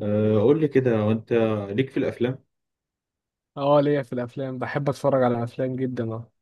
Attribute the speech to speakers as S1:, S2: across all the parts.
S1: قول لي كده، وانت ليك في الافلام؟
S2: اه ليا في الافلام، بحب اتفرج على الافلام جدا. اه،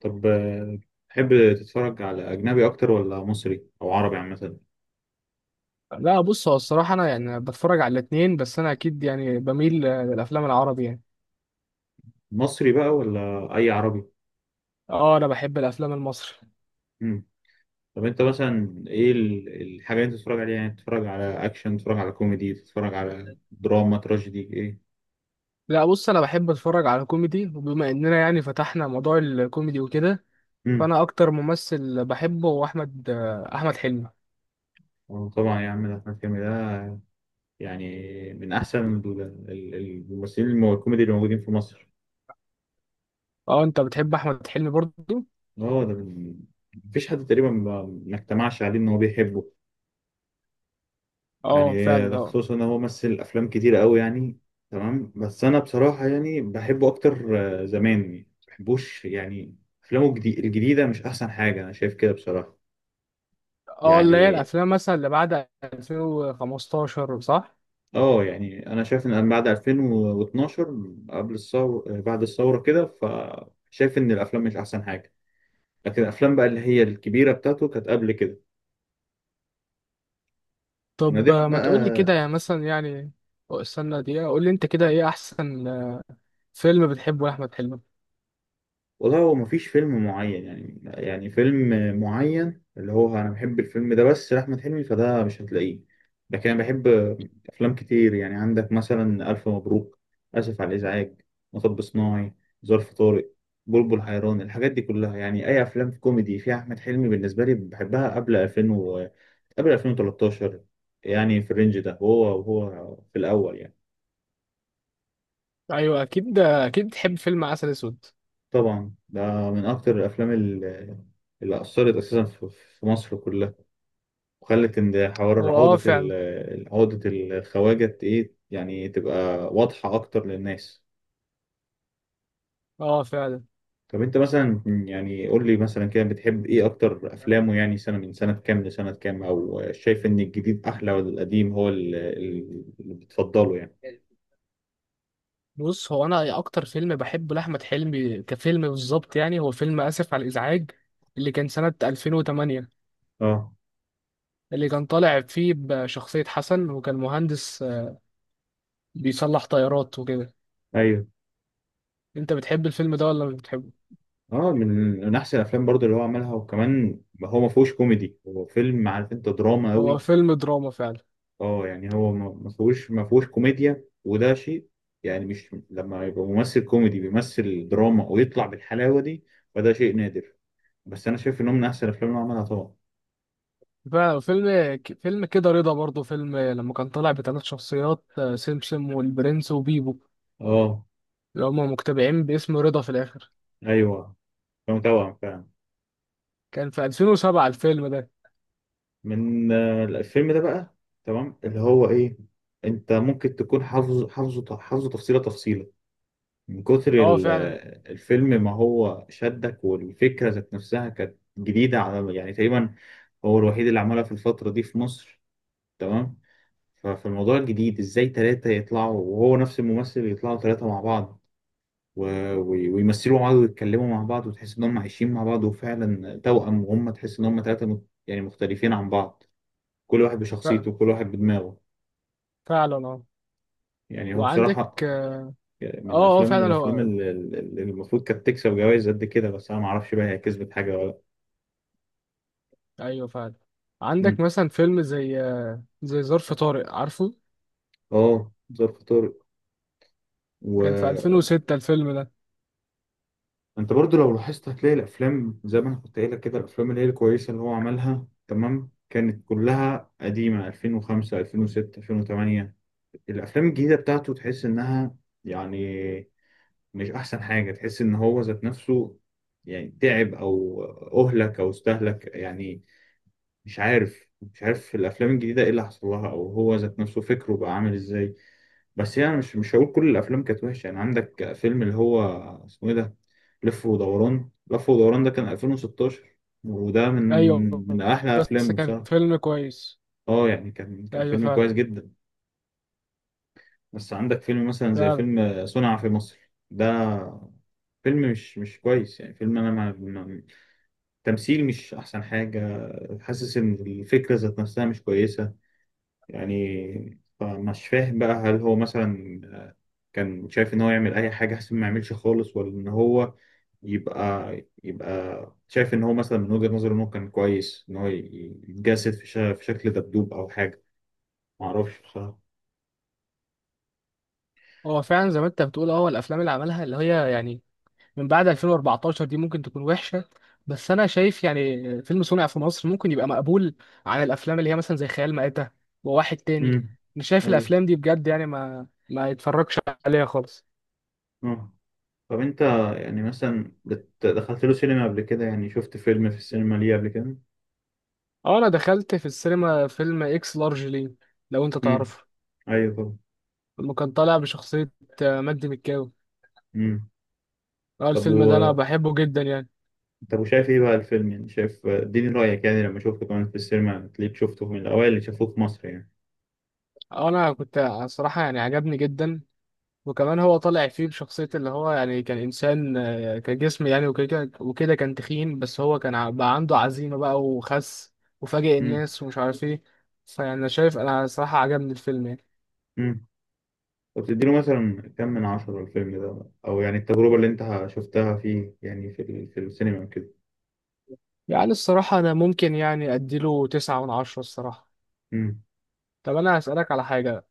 S1: طب، تحب تتفرج على اجنبي اكتر ولا مصري او عربي عامه؟
S2: لا بص، هو الصراحه انا يعني بتفرج على الاثنين، بس انا اكيد يعني بميل للافلام العربي يعني.
S1: مصري بقى ولا اي عربي؟
S2: اه، انا بحب الافلام المصري.
S1: مم. طب انت مثلا ايه الحاجه اللي انت بتتفرج عليها؟ يعني تتفرج على اكشن، تتفرج على كوميدي، تتفرج على دراما، تراجيدي، ايه؟
S2: لا بص، انا بحب اتفرج على كوميدي، وبما اننا يعني فتحنا موضوع الكوميدي وكده،
S1: امم.
S2: فانا اكتر ممثل بحبه هو احمد حلمي.
S1: طبعا يا عم، ده احمد حلمي ده، يعني من احسن الممثلين الكوميدي اللي موجودين في مصر.
S2: اه، انت بتحب احمد حلمي برضه؟
S1: اه، ده مفيش حد تقريبا ما اجتمعش عليه ان هو بيحبه، يعني.
S2: اه
S1: ده
S2: فعلا اه
S1: خصوصا ان هو مثل افلام كتير قوي يعني. تمام، بس انا بصراحه يعني بحبه اكتر. زمان ما بحبوش يعني. افلامه الجديده مش احسن حاجه انا شايف كده بصراحه
S2: اه اللي هي
S1: يعني.
S2: الافلام مثلا اللي بعد 2015، صح؟
S1: اه يعني انا شايف ان بعد 2012، قبل الثوره بعد الثوره كده، فشايف ان الافلام مش احسن حاجه. لكن الافلام بقى اللي هي الكبيره بتاعته كانت قبل كده،
S2: طب
S1: ونادرا
S2: ما تقول لي كده
S1: بقى.
S2: يعني مثلا يعني. أو استنى دقيقة، قول لي انت كده ايه احسن فيلم بتحبه لاحمد حلمي.
S1: والله هو مفيش فيلم معين يعني، يعني فيلم معين اللي هو أنا بحب الفيلم ده بس لأحمد حلمي، فده مش هتلاقيه. لكن أنا بحب أفلام كتير يعني. عندك مثلا ألف مبروك، آسف على الإزعاج، مطب صناعي، ظرف طارق، بلبل حيران. الحاجات دي كلها، يعني أي أفلام كوميدي فيها أحمد حلمي بالنسبة لي بحبها. قبل 2000 قبل 2013 يعني، في الرينج ده، وهو في الأول يعني.
S2: ايوه اكيد، اكيد بتحب فيلم عسل اسود.
S1: طبعا ده من أكتر الأفلام اللي أثرت أساسا في مصر كلها، وخلت ان حوار
S2: هو اه فعلا،
S1: عقدة الخواجة ايه يعني تبقى واضحة اكتر للناس.
S2: اه فعلا.
S1: طب انت مثلا يعني قول لي مثلا كده، بتحب ايه اكتر افلامه يعني؟ سنة من سنة كام لسنة كام؟ او شايف ان الجديد احلى ولا القديم هو اللي بتفضله يعني؟
S2: بص هو، انا اكتر فيلم بحبه لاحمد حلمي كفيلم بالظبط يعني، هو فيلم اسف على الازعاج اللي كان سنة 2008.
S1: اه،
S2: اللي كان طالع فيه بشخصية حسن، وكان مهندس بيصلح طيارات وكده.
S1: ايوه.
S2: انت بتحب الفيلم ده ولا مش بتحبه؟
S1: اه، من احسن الافلام برضو اللي هو عملها. وكمان هو ما فيهوش كوميدي، هو فيلم عارف انت دراما
S2: هو
S1: قوي.
S2: فيلم دراما فعلا.
S1: اه يعني هو ما فيهوش كوميديا، وده شيء يعني. مش لما يبقى ممثل كوميدي بيمثل دراما ويطلع بالحلاوه دي، فده شيء نادر. بس انا شايف انه من احسن الافلام اللي عملها طبعا.
S2: فعلا فيلم كده رضا برضه، فيلم لما كان طالع بثلاث شخصيات سمسم والبرنس وبيبو،
S1: اه،
S2: اللي هما مجتمعين باسم رضا في الآخر.
S1: ايوه، كان توأم فعلا.
S2: كان في 2007 الفيلم ده.
S1: من الفيلم ده بقى. تمام، اللي هو ايه، انت ممكن تكون حافظ، حافظه تفصيله تفصيله من كتر
S2: اه فعلا.
S1: الفيلم، ما هو شدك، والفكره ذات نفسها كانت جديده على يعني. تقريبا هو الوحيد اللي عملها في الفتره دي في مصر. تمام. ففي الموضوع الجديد ازاي ثلاثة يطلعوا وهو نفس الممثل، يطلعوا ثلاثة مع بعض و... و... ويمثلوا مع بعض ويتكلموا مع بعض، وتحس ان هم عايشين مع بعض وفعلا توأم، وهم تحس ان هم ثلاثة يعني مختلفين عن بعض، كل واحد
S2: ف-
S1: بشخصيته كل واحد بدماغه.
S2: فعلا اه.
S1: يعني هو
S2: وعندك
S1: بصراحة
S2: اه. اه
S1: من
S2: فعلا
S1: الأفلام
S2: هو.
S1: اللي المفروض كانت تكسب جوائز قد كده، بس أنا معرفش بقى هي كسبت حاجة ولا لأ.
S2: ايوه فعلا. عندك
S1: مم.
S2: مثلا فيلم زي زي ظرف طارق، عارفه؟
S1: اه، ظرف طارق
S2: كان في
S1: و...
S2: 2006 الفيلم ده.
S1: انت برضو لو لاحظت، هتلاقي الافلام زي ما انا كنت قايل لك كده، الافلام اللي هي الكويسه اللي هو عملها تمام كانت كلها قديمه: 2005، 2006، 2008. الافلام الجديده بتاعته تحس انها يعني مش احسن حاجه، تحس ان هو ذات نفسه يعني تعب او اهلك او استهلك يعني، مش عارف الافلام الجديده ايه اللي حصل لها، او هو ذات نفسه فكره بقى عامل ازاي. بس يعني مش هقول كل الافلام كانت وحشه يعني. عندك فيلم اللي هو اسمه ايه ده، لف ودوران. لف ودوران ده كان 2016، وده من
S2: ايوه،
S1: من احلى
S2: بس
S1: افلامه
S2: كان
S1: بصراحه.
S2: فيلم كويس.
S1: اه يعني كان
S2: ايوه
S1: فيلم
S2: فعلا.
S1: كويس جدا. بس عندك فيلم مثلا زي
S2: فعلا
S1: فيلم صنع في مصر ده، فيلم مش كويس يعني، فيلم انا تمثيل مش احسن حاجه، حاسس ان الفكره ذات نفسها مش كويسه يعني. فمش فاهم بقى هل هو مثلا كان شايف ان هو يعمل اي حاجه احسن ما يعملش خالص، ولا ان هو يبقى يبقى شايف ان هو مثلا من وجهه نظره انه كان كويس ان هو يتجسد في شكل دبدوب او حاجه. ما اعرفش بصراحه.
S2: هو، فعلا زي ما انت بتقول. اه، هو الافلام اللي عملها اللي هي يعني من بعد 2014 دي ممكن تكون وحشة، بس أنا شايف يعني فيلم صنع في مصر ممكن يبقى مقبول عن الأفلام اللي هي مثلا زي خيال مآتة وواحد تاني.
S1: امم.
S2: مش شايف
S1: ايوه،
S2: الأفلام دي بجد يعني، ما يتفرجش عليها خالص.
S1: اه. طب انت يعني مثلا دخلت له سينما قبل كده؟ يعني شفت فيلم في السينما ليه قبل كده؟
S2: أه، أنا دخلت في السينما فيلم إكس لارج ليه، لو أنت
S1: امم.
S2: تعرفه.
S1: ايوه طبعا.
S2: اللي كان طالع بشخصية مجدي مكاوي.
S1: امم.
S2: أه،
S1: طب
S2: الفيلم ده أنا بحبه جدا يعني.
S1: طب وشايف ايه بقى الفيلم يعني؟ شايف، اديني رأيك، يعني لما اشوفك كمان في السينما تلاقيك شفته من الأوائل اللي شافوه في مصر يعني.
S2: أه، أنا كنت، صراحة يعني عجبني جدا. وكمان هو طالع فيه بشخصية اللي هو يعني كان إنسان كجسم يعني، وكده وكده كان تخين، بس هو كان بقى عنده عزيمة بقى وخس، وفاجئ
S1: امم.
S2: الناس ومش عارف ايه. فيعني أنا شايف، أنا صراحة عجبني الفيلم يعني.
S1: امم. طب تديله مثلا كم من عشرة الفيلم ده؟ أو يعني التجربة اللي أنت شفتها فيه يعني في السينما وكده.
S2: يعني الصراحة أنا ممكن يعني أديله تسعة من عشرة الصراحة.
S1: امم.
S2: طب أنا هسألك على حاجة.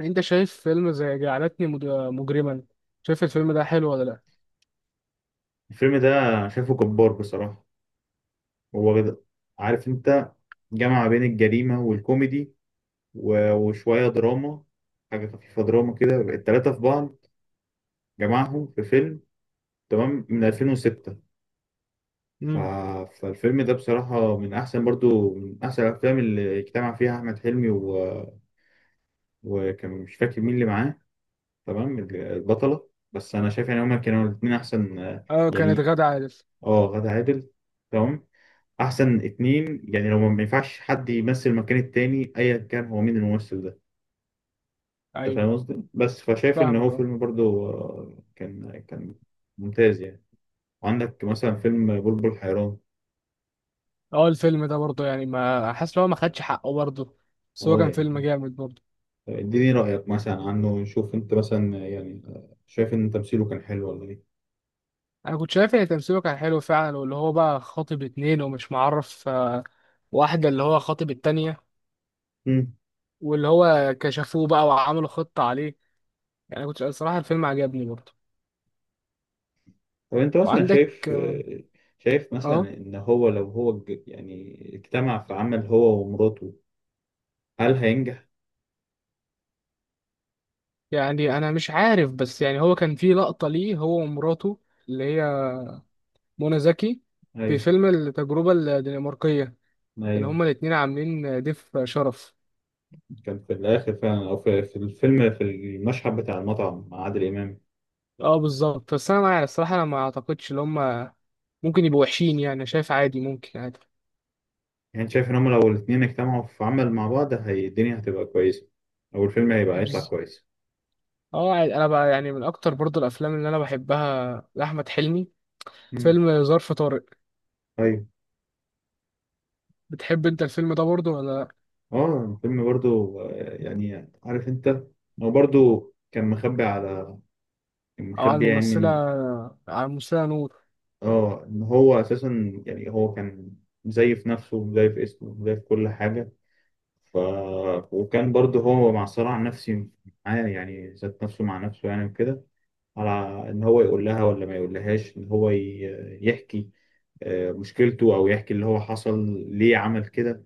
S2: أنت شايف فيلم زي جعلتني مجرما، شايف الفيلم ده حلو ولا لأ؟
S1: الفيلم ده شايفه جبار بصراحة. هو عارف أنت جمع بين الجريمة والكوميدي وشوية دراما، حاجة خفيفة دراما كده، التلاتة في بعض جمعهم في فيلم تمام من 2006. ف...
S2: امم،
S1: فالفيلم ده بصراحة من أحسن برضو، من أحسن الأفلام اللي اجتمع فيها أحمد حلمي وكان مش فاكر مين اللي معاه، تمام، البطلة. بس أنا شايف يعني هما كانوا الاتنين أحسن،
S2: اه كانت
S1: يعني،
S2: غادة عادل.
S1: أه غادة عادل. تمام، أحسن اتنين يعني، لو ما ينفعش حد يمثل مكان التاني أيا كان هو مين الممثل ده. أنت
S2: أيوه
S1: فاهم قصدي؟ بس فشايف إن هو
S2: فاهمك.
S1: فيلم برضو كان ممتاز يعني. وعندك مثلا فيلم بلبل حيران.
S2: اه، الفيلم ده برضه يعني ما حاسس ان هو ما خدش حقه برضه، بس هو
S1: أه
S2: كان فيلم
S1: يعني
S2: جامد برضه.
S1: اديني رأيك مثلا عنه نشوف، انت مثلا يعني شايف ان تمثيله كان حلو ولا ايه؟
S2: انا كنت شايف ان تمثيله كان حلو فعلا، واللي هو بقى خاطب اتنين ومش معرف واحدة اللي هو خاطب التانية،
S1: مم.
S2: واللي هو كشفوه بقى وعملوا خطة عليه. يعني كنت الصراحة الفيلم عجبني برضه.
S1: طب انت مثلا
S2: وعندك
S1: شايف،
S2: اه.
S1: مثلا ان هو لو هو يعني اجتمع في عمل هو ومراته، هل هينجح؟
S2: يعني انا مش عارف، بس يعني هو كان في لقطة ليه هو ومراته، اللي هي منى زكي، في
S1: ايوه،
S2: فيلم التجربة الدنماركية. كان
S1: ايوه.
S2: هما الاتنين عاملين ضيف شرف.
S1: كان في الاخر فعلا، او في الفيلم في المشهد بتاع المطعم مع عادل امام
S2: اه بالظبط، بس انا مع الصراحه انا ما اعتقدش ان هم ممكن يبقوا وحشين يعني. انا شايف عادي، ممكن عادي.
S1: يعني. شايف ان هم لو الاتنين اجتمعوا في عمل مع بعض، هي الدنيا هتبقى كويسة، او الفيلم هيبقى هيطلع
S2: بز-
S1: كويس؟
S2: اه عادي. انا بقى يعني من اكتر برضو الافلام اللي انا بحبها لاحمد حلمي
S1: مم.
S2: فيلم ظرف طارق.
S1: ايوه،
S2: بتحب انت الفيلم ده برضو ولا لا؟
S1: اه. فيلم برضو يعني عارف انت، هو برضو كان مخبي على، كان
S2: او على
S1: مخبي يعني
S2: الممثله،
S1: ان،
S2: على الممثله نور.
S1: اه ان هو اساسا يعني هو كان مزيف نفسه ومزيف اسمه ومزيف كل حاجه. ف وكان برضو هو مع صراع نفسي معاه، يعني ذات نفسه مع نفسه يعني وكده، على ان هو يقول لها ولا ما يقولهاش، ان هو يحكي مشكلته، او يحكي اللي هو حصل ليه عمل كده.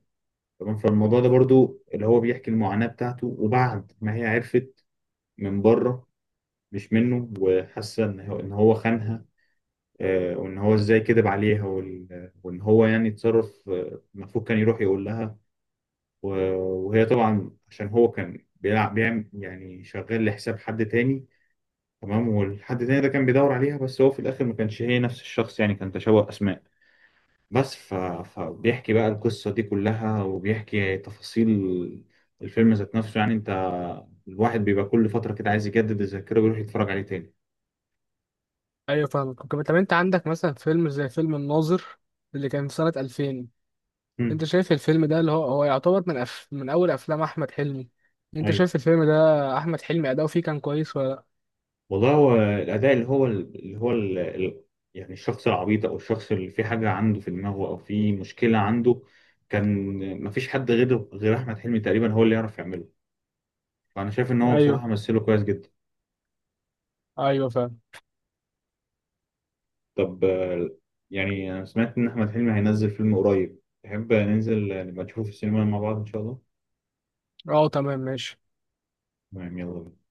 S1: تمام، فالموضوع ده برضو اللي هو بيحكي المعاناه بتاعته، وبعد ما هي عرفت من بره مش منه، وحاسه ان هو خانها وان هو ازاي كذب عليها، وان هو يعني اتصرف، المفروض كان يروح يقول لها. و- وهي طبعا عشان هو كان بيلعب بيعمل يعني، شغال لحساب حد تاني. تمام، والحد تاني ده كان بيدور عليها، بس هو في الاخر ما كانش هي نفس الشخص، يعني كان تشابه اسماء بس. فبيحكي بقى القصة دي كلها، وبيحكي تفاصيل الفيلم ذات نفسه يعني. انت الواحد بيبقى كل فترة كده عايز يجدد الذاكرة ويروح يتفرج عليه تاني.
S2: ايوه فاهمك. طب انت عندك مثلا فيلم زي فيلم الناظر اللي كان في سنه 2000. انت شايف الفيلم ده اللي هو هو يعتبر من من اول افلام احمد حلمي. انت
S1: ايوه.
S2: شايف الفيلم ده احمد حلمي اداؤه فيه كان كويس ولا؟
S1: والله هو الاداء، اللي هو يعني الشخص العبيط، او الشخص اللي في حاجه عنده في دماغه او في مشكله عنده، كان ما فيش حد غير احمد حلمي تقريبا هو اللي يعرف يعمله. فانا شايف ان
S2: لا
S1: هو
S2: ايوه،
S1: بصراحه مثله كويس جدا.
S2: ايوه فاهم.
S1: طب، يعني انا سمعت ان احمد حلمي هينزل فيلم قريب، تحب ننزل نبقى نشوفه في السينما مع بعض ان شاء الله؟
S2: اه تمام ماشي.
S1: تمام، يلا بينا.